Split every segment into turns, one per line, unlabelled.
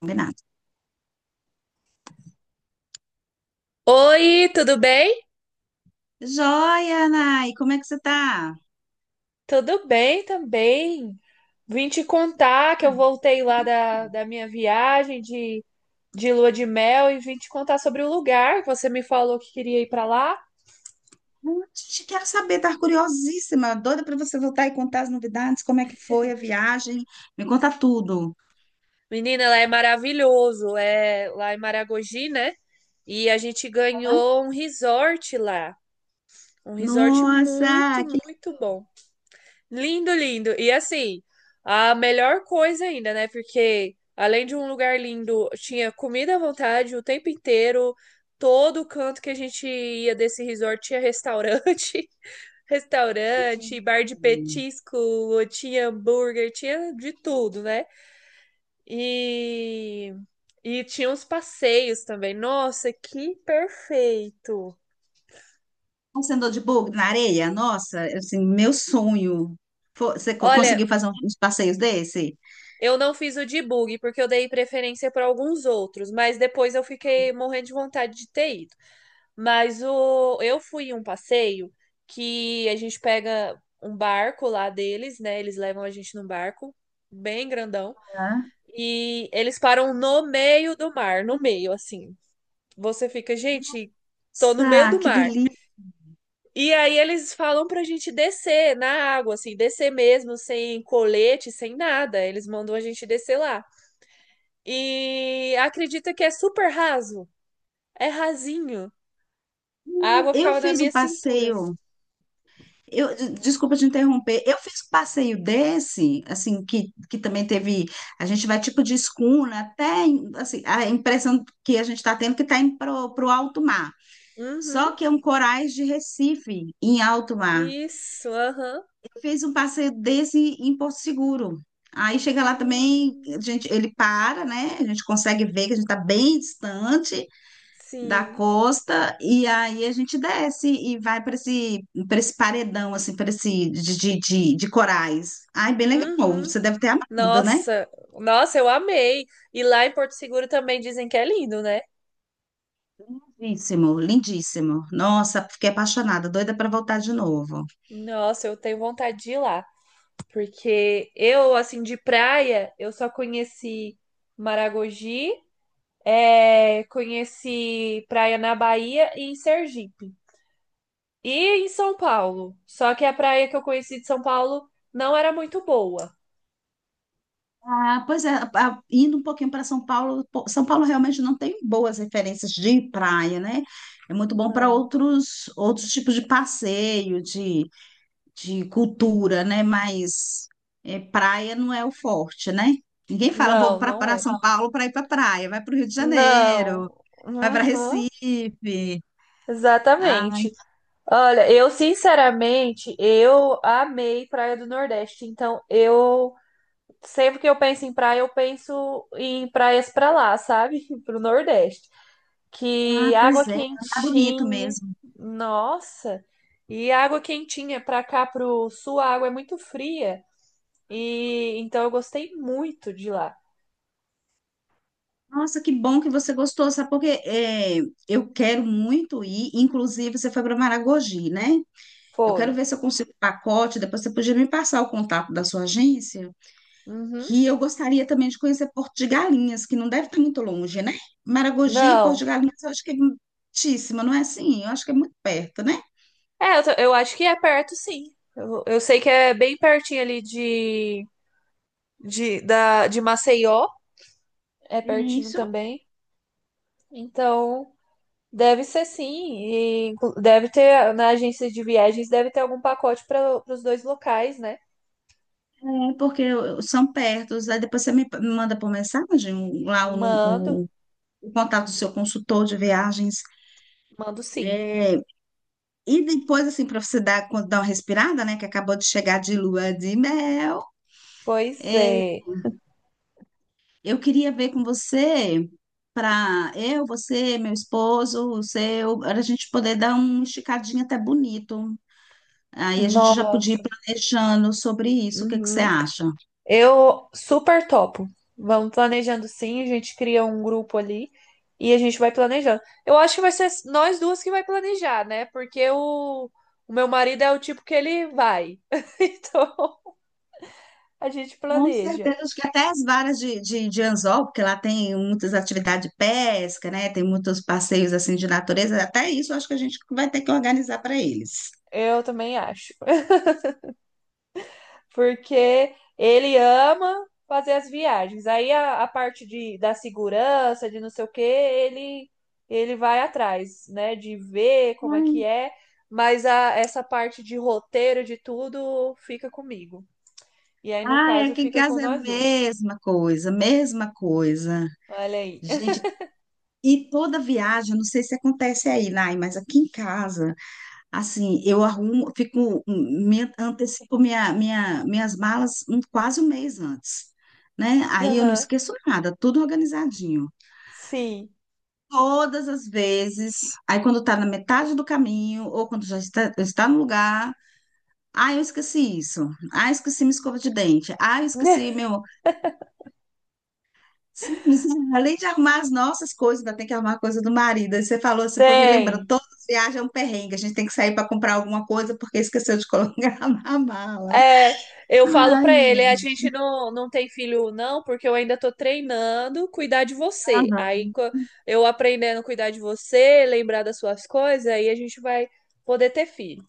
Combinado.
Oi, tudo bem?
Joia, Nai, como é que você tá?
Tudo bem também. Vim te contar que eu
Ah,
voltei lá da minha viagem de lua de mel e vim te contar sobre o lugar que você me falou que queria ir para lá.
te quero saber, tá curiosíssima, doida para você voltar e contar as novidades, como é que foi a viagem, me conta tudo.
Menina, lá é maravilhoso. É lá em Maragogi, né? E a gente
Hã?
ganhou um resort lá. Um resort muito,
Nossa, que
muito bom. Lindo, lindo. E assim, a melhor coisa ainda, né? Porque além de um lugar lindo, tinha comida à vontade o tempo inteiro. Todo canto que a gente ia desse resort tinha restaurante, restaurante,
lindo.
bar de petisco, tinha hambúrguer, tinha de tudo, né? E e tinha uns passeios também. Nossa, que perfeito!
Você andou de bug na areia? Nossa, assim, meu sonho. Você
Olha,
conseguiu fazer uns passeios desse?
eu não fiz o debug, porque eu dei preferência para alguns outros, mas depois eu fiquei morrendo de vontade de ter ido. Mas eu fui em um passeio que a gente pega um barco lá deles, né? Eles levam a gente num barco bem grandão,
Hã?
e eles param no meio do mar, no meio, assim. Você fica, gente, tô no meio
Nossa,
do
que
mar.
delícia.
E aí eles falam pra gente descer na água, assim, descer mesmo, sem colete, sem nada. Eles mandam a gente descer lá. E acredita que é super raso. É rasinho. A água
Eu
ficava na
fiz um
minha cintura.
passeio. Eu, desculpa te interromper. Eu fiz um passeio desse, assim, que também teve. A gente vai tipo de escuna, até assim, a impressão que a gente está tendo é que está indo para o alto mar.
Uhum.
Só que é um corais de Recife, em alto mar.
Isso, aham.
Eu fiz um passeio desse em Porto Seguro. Aí chega lá também, a
Hum,
gente, ele para, né? A gente consegue ver que a gente está bem distante da
sim.
costa e aí a gente desce e vai para esse paredão, assim, para esse de corais. Ai, bem legal.
Uhum.
Você deve ter amado, né?
Nossa, nossa, eu amei. E lá em Porto Seguro também dizem que é lindo, né?
Lindíssimo, lindíssimo. Nossa, fiquei apaixonada, doida para voltar de novo.
Nossa, eu tenho vontade de ir lá, porque eu, assim, de praia, eu só conheci Maragogi, é, conheci praia na Bahia e em Sergipe. E em São Paulo. Só que a praia que eu conheci de São Paulo não era muito boa.
Ah, pois é, indo um pouquinho para São Paulo, pô, São Paulo realmente não tem boas referências de praia, né? É muito bom para
Não,
outros outros tipos de passeio, de cultura, né? Mas é, praia não é o forte, né? Ninguém fala, vou
não
para
é.
São Paulo para ir para praia, vai para o Rio de Janeiro,
Não.
vai para
Uhum,
Recife. Ai,
exatamente. Olha, eu sinceramente, eu amei Praia do Nordeste. Então, eu sempre que eu penso em praia, eu penso em praias pra lá, sabe? Pro Nordeste.
ah,
Que água
pois é, tá bonito
quentinha.
mesmo.
Nossa. E água quentinha pra cá pro sul, a água é muito fria. E então eu gostei muito de lá.
Nossa, que bom que você gostou, sabe? Porque é, eu quero muito ir, inclusive você foi para Maragogi, né? Eu quero
Foi.
ver se eu consigo o pacote, depois você podia me passar o contato da sua agência.
Uhum.
Que eu gostaria também de conhecer Porto de Galinhas, que não deve estar muito longe, né? Maragogi e Porto de
Não.
Galinhas, eu acho que é muitíssimo, não é assim? Eu acho que é muito perto, né?
É, tô- eu acho que é perto, sim. Eu sei que é bem pertinho ali de Maceió. É pertinho
Isso.
também. Então, deve ser sim. E inclu- deve ter, na agência de viagens, deve ter algum pacote para os dois locais, né?
É porque são perto, aí depois você me manda por mensagem lá o,
Mando,
o contato do seu consultor de viagens.
mando sim.
É, e depois, assim, para você dar, dar uma respirada, né? Que acabou de chegar de lua de mel.
Pois é.
Eu queria ver com você, para eu, você, meu esposo, o seu, para a gente poder dar um esticadinho até bonito. Aí a gente já podia ir
Nossa.
planejando sobre isso. O que que você
Uhum.
acha?
Eu super topo. Vamos planejando sim, a gente cria um grupo ali e a gente vai planejando. Eu acho que vai ser nós duas que vai planejar, né? Porque o meu marido é o tipo que ele vai. Então a gente
Com
planeja.
certeza, acho que até as varas de anzol, porque lá tem muitas atividades de pesca, né? Tem muitos passeios assim de natureza. Até isso acho que a gente vai ter que organizar para eles.
Eu também acho. Porque ele ama fazer as viagens. Aí a parte da segurança, de não sei o quê, ele vai atrás, né? De ver como é que
Ai,
é. Mas essa parte de roteiro, de tudo, fica comigo. E aí, no
ai,
caso,
aqui em
fica com
casa é a
nós duas.
mesma coisa, mesma coisa.
Olha aí.
Gente, e toda viagem, não sei se acontece aí, Nay, mas aqui em casa, assim, eu arrumo, fico, me, antecipo minhas malas quase um mês antes, né? Aí eu não
Aham.
esqueço nada, tudo organizadinho.
Sim.
Todas as vezes, aí quando tá na metade do caminho, ou quando já está no lugar, ah, eu esqueci isso, ah, eu esqueci minha escova de dente, ah, eu esqueci meu, sim, sim. Além de arrumar as nossas coisas, ainda tem que arrumar a coisa do marido. Aí você falou assim, foi me lembrando,
Tem.
todas as viagens é um perrengue, a gente tem que sair para comprar alguma coisa porque esqueceu de colocar na mala.
É, eu falo pra
Ai,
ele, a gente
gente,
não tem filho não, porque eu ainda tô treinando cuidar de
não,
você.
não.
Eu aprendendo a cuidar de você, lembrar das suas coisas, aí a gente vai poder ter filho.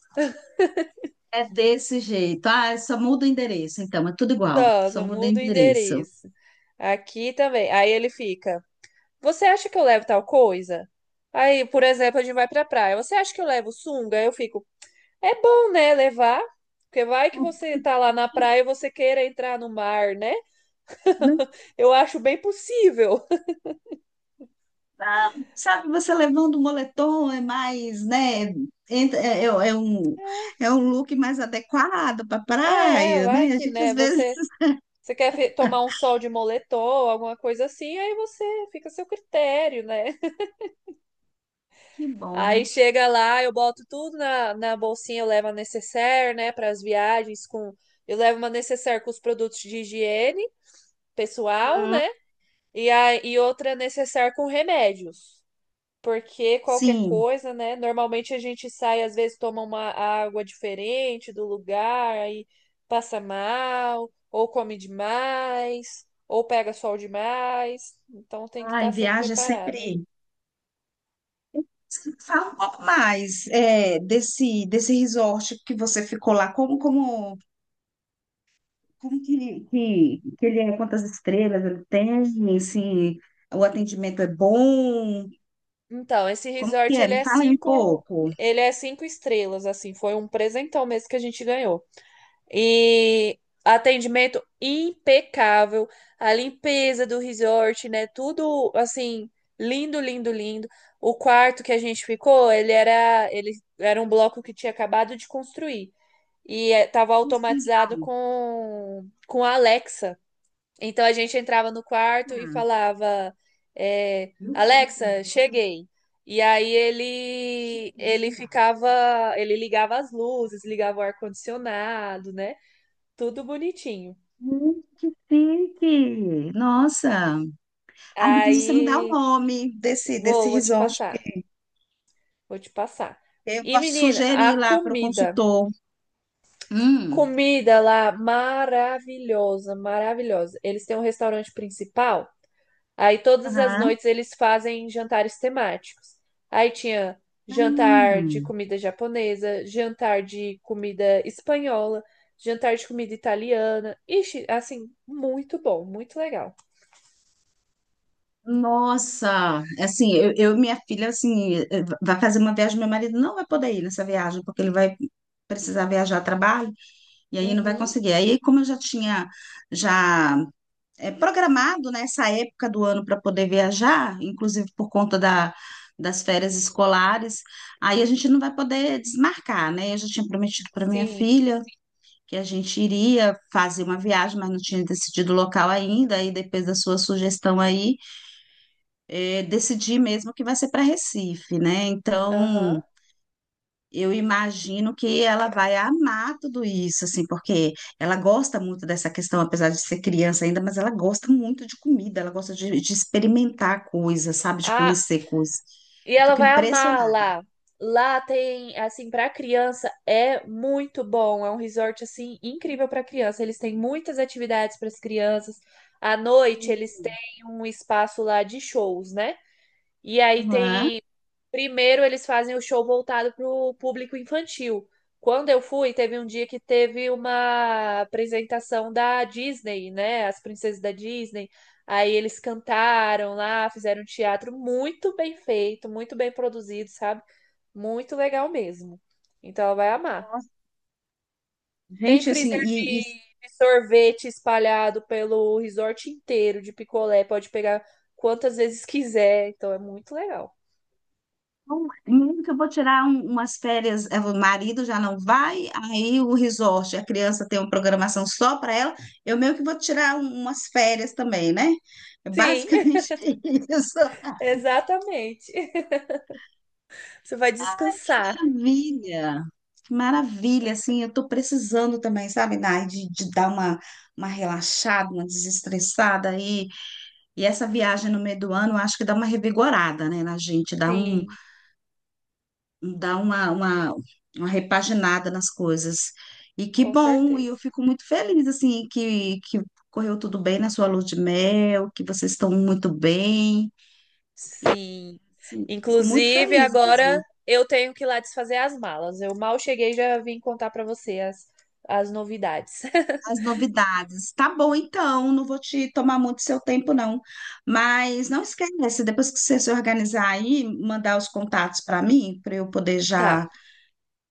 É desse jeito. Ah, só muda o endereço, então, é tudo igual,
Só,
só
só
muda o
muda o
endereço.
endereço. Aqui também. Aí ele fica, você acha que eu levo tal coisa? Aí, por exemplo, a gente vai pra praia. Você acha que eu levo sunga? Aí eu fico, é bom, né, levar? Porque vai que você tá lá na praia e você queira entrar no mar, né?
Não,
Eu acho bem possível.
ah, sabe, você levando o moletom é mais, né? entra- É, é- é um, é um look mais adequado para
É, é,
praia,
vai
né? A
que,
gente
né?
às vezes.
Você, você quer fe- tomar um sol de moletom, alguma coisa assim, aí você fica a seu critério, né?
Que
Aí
bom.
chega lá, eu boto tudo na bolsinha, eu levo a necessaire, né? Para as viagens, com eu levo uma necessaire com os produtos de higiene pessoal,
Uhum.
né? E, a, e outra necessaire com remédios. Porque qualquer
Sim.
coisa, né? Normalmente a gente sai, às vezes toma uma água diferente do lugar, aí passa mal, ou come demais, ou pega sol demais. Então tem que
Ai,
estar sempre
viagem é
preparado, né?
sempre. Fala um pouco mais é, desse resort que você ficou lá. Como, como, como que ele é? Quantas estrelas ele tem? Se o atendimento é bom?
Então, esse
Como que
resort
é? Me fala aí um pouco.
ele é 5 estrelas, assim, foi um presentão mesmo que a gente ganhou. E atendimento impecável, a limpeza do resort, né? Tudo assim, lindo, lindo, lindo. O quarto que a gente ficou, ele era um bloco que tinha acabado de construir e estava
Assim,
automatizado
legal.
com a Alexa. Então a gente entrava no quarto e
Ah,
falava, é, Alexa, cheguei. E aí ele ficava, ele ligava as luzes, ligava o ar condicionado, né? Tudo bonitinho.
que chique! Nossa! Ah, depois você me dá o
Aí,
nome desse
vou, vou te
resort.
passar, vou te passar.
Eu
E,
posso
menina, a
sugerir lá para o
comida,
consultor. Hum.
comida lá maravilhosa, maravilhosa. Eles têm um restaurante principal, aí todas as
Aham.
noites eles fazem jantares temáticos. Aí tinha jantar de
Hum.
comida japonesa, jantar de comida espanhola, jantar de comida italiana. Ixi, assim, muito bom, muito legal.
Nossa, assim, eu e minha filha, assim, vai fazer uma viagem, meu marido não vai poder ir nessa viagem, porque ele vai precisar viajar a trabalho, e aí não vai
Uhum,
conseguir. Aí, como eu já tinha, já programado, né, essa época do ano para poder viajar, inclusive por conta da, das férias escolares, aí a gente não vai poder desmarcar, né? Eu já tinha prometido para minha
sim,
filha que a gente iria fazer uma viagem, mas não tinha decidido o local ainda, aí depois da sua sugestão aí, é, decidir mesmo que vai ser para Recife, né? Então,
aham.
eu imagino que ela vai amar tudo isso, assim, porque ela gosta muito dessa questão, apesar de ser criança ainda, mas ela gosta muito de comida, ela gosta de experimentar coisas, sabe? De
Ah,
conhecer coisas.
e
Eu
ela
fico
vai amar
impressionada.
lá. Lá tem, assim, para criança é muito bom. É um resort assim incrível para criança. Eles têm muitas atividades para as crianças. À noite eles têm um espaço lá de shows, né? E aí
Aham.
tem. Primeiro eles fazem o show voltado para o público infantil. Quando eu fui, teve um dia que teve uma apresentação da Disney, né? As princesas da Disney. Aí eles cantaram lá, fizeram um teatro muito bem feito, muito bem produzido, sabe? Muito legal mesmo. Então ela vai amar. Tem
Gente, assim,
freezer
e,
de sorvete espalhado pelo resort inteiro de picolé. Pode pegar quantas vezes quiser. Então é muito legal.
bom, mesmo que eu vou tirar umas férias, é, o marido já não vai, aí o resort, a criança tem uma programação só para ela, eu meio que vou tirar umas férias também, né? É
Sim.
basicamente isso.
Exatamente. Você vai
Que
descansar.
maravilha! Que maravilha, assim, eu tô precisando também, sabe, Nai, de dar uma relaxada, uma desestressada aí. E essa viagem no meio do ano, eu acho que dá uma revigorada, né, na gente, dá um
Sim,
dar uma repaginada nas coisas. E que
com
bom, e eu
certeza.
fico muito feliz, assim, que correu tudo bem na sua lua de mel, que vocês estão muito bem.
Sim.
Assim, fico muito
Inclusive,
feliz
agora
mesmo.
eu tenho que ir lá desfazer as malas. Eu mal cheguei, e já vim contar pra você as novidades.
As novidades. Tá bom, então, não vou te tomar muito seu tempo, não. Mas não esquece, depois que você se organizar aí, mandar os contatos para mim, para eu poder já,
Tá.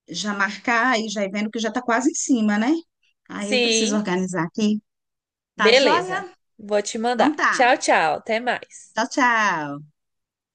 já marcar e já ir vendo que já tá quase em cima, né? Aí eu preciso
Sim,
organizar aqui. Tá
beleza.
joia?
Vou te
Então
mandar.
tá.
Tchau, tchau. Até mais.
Tchau, tchau.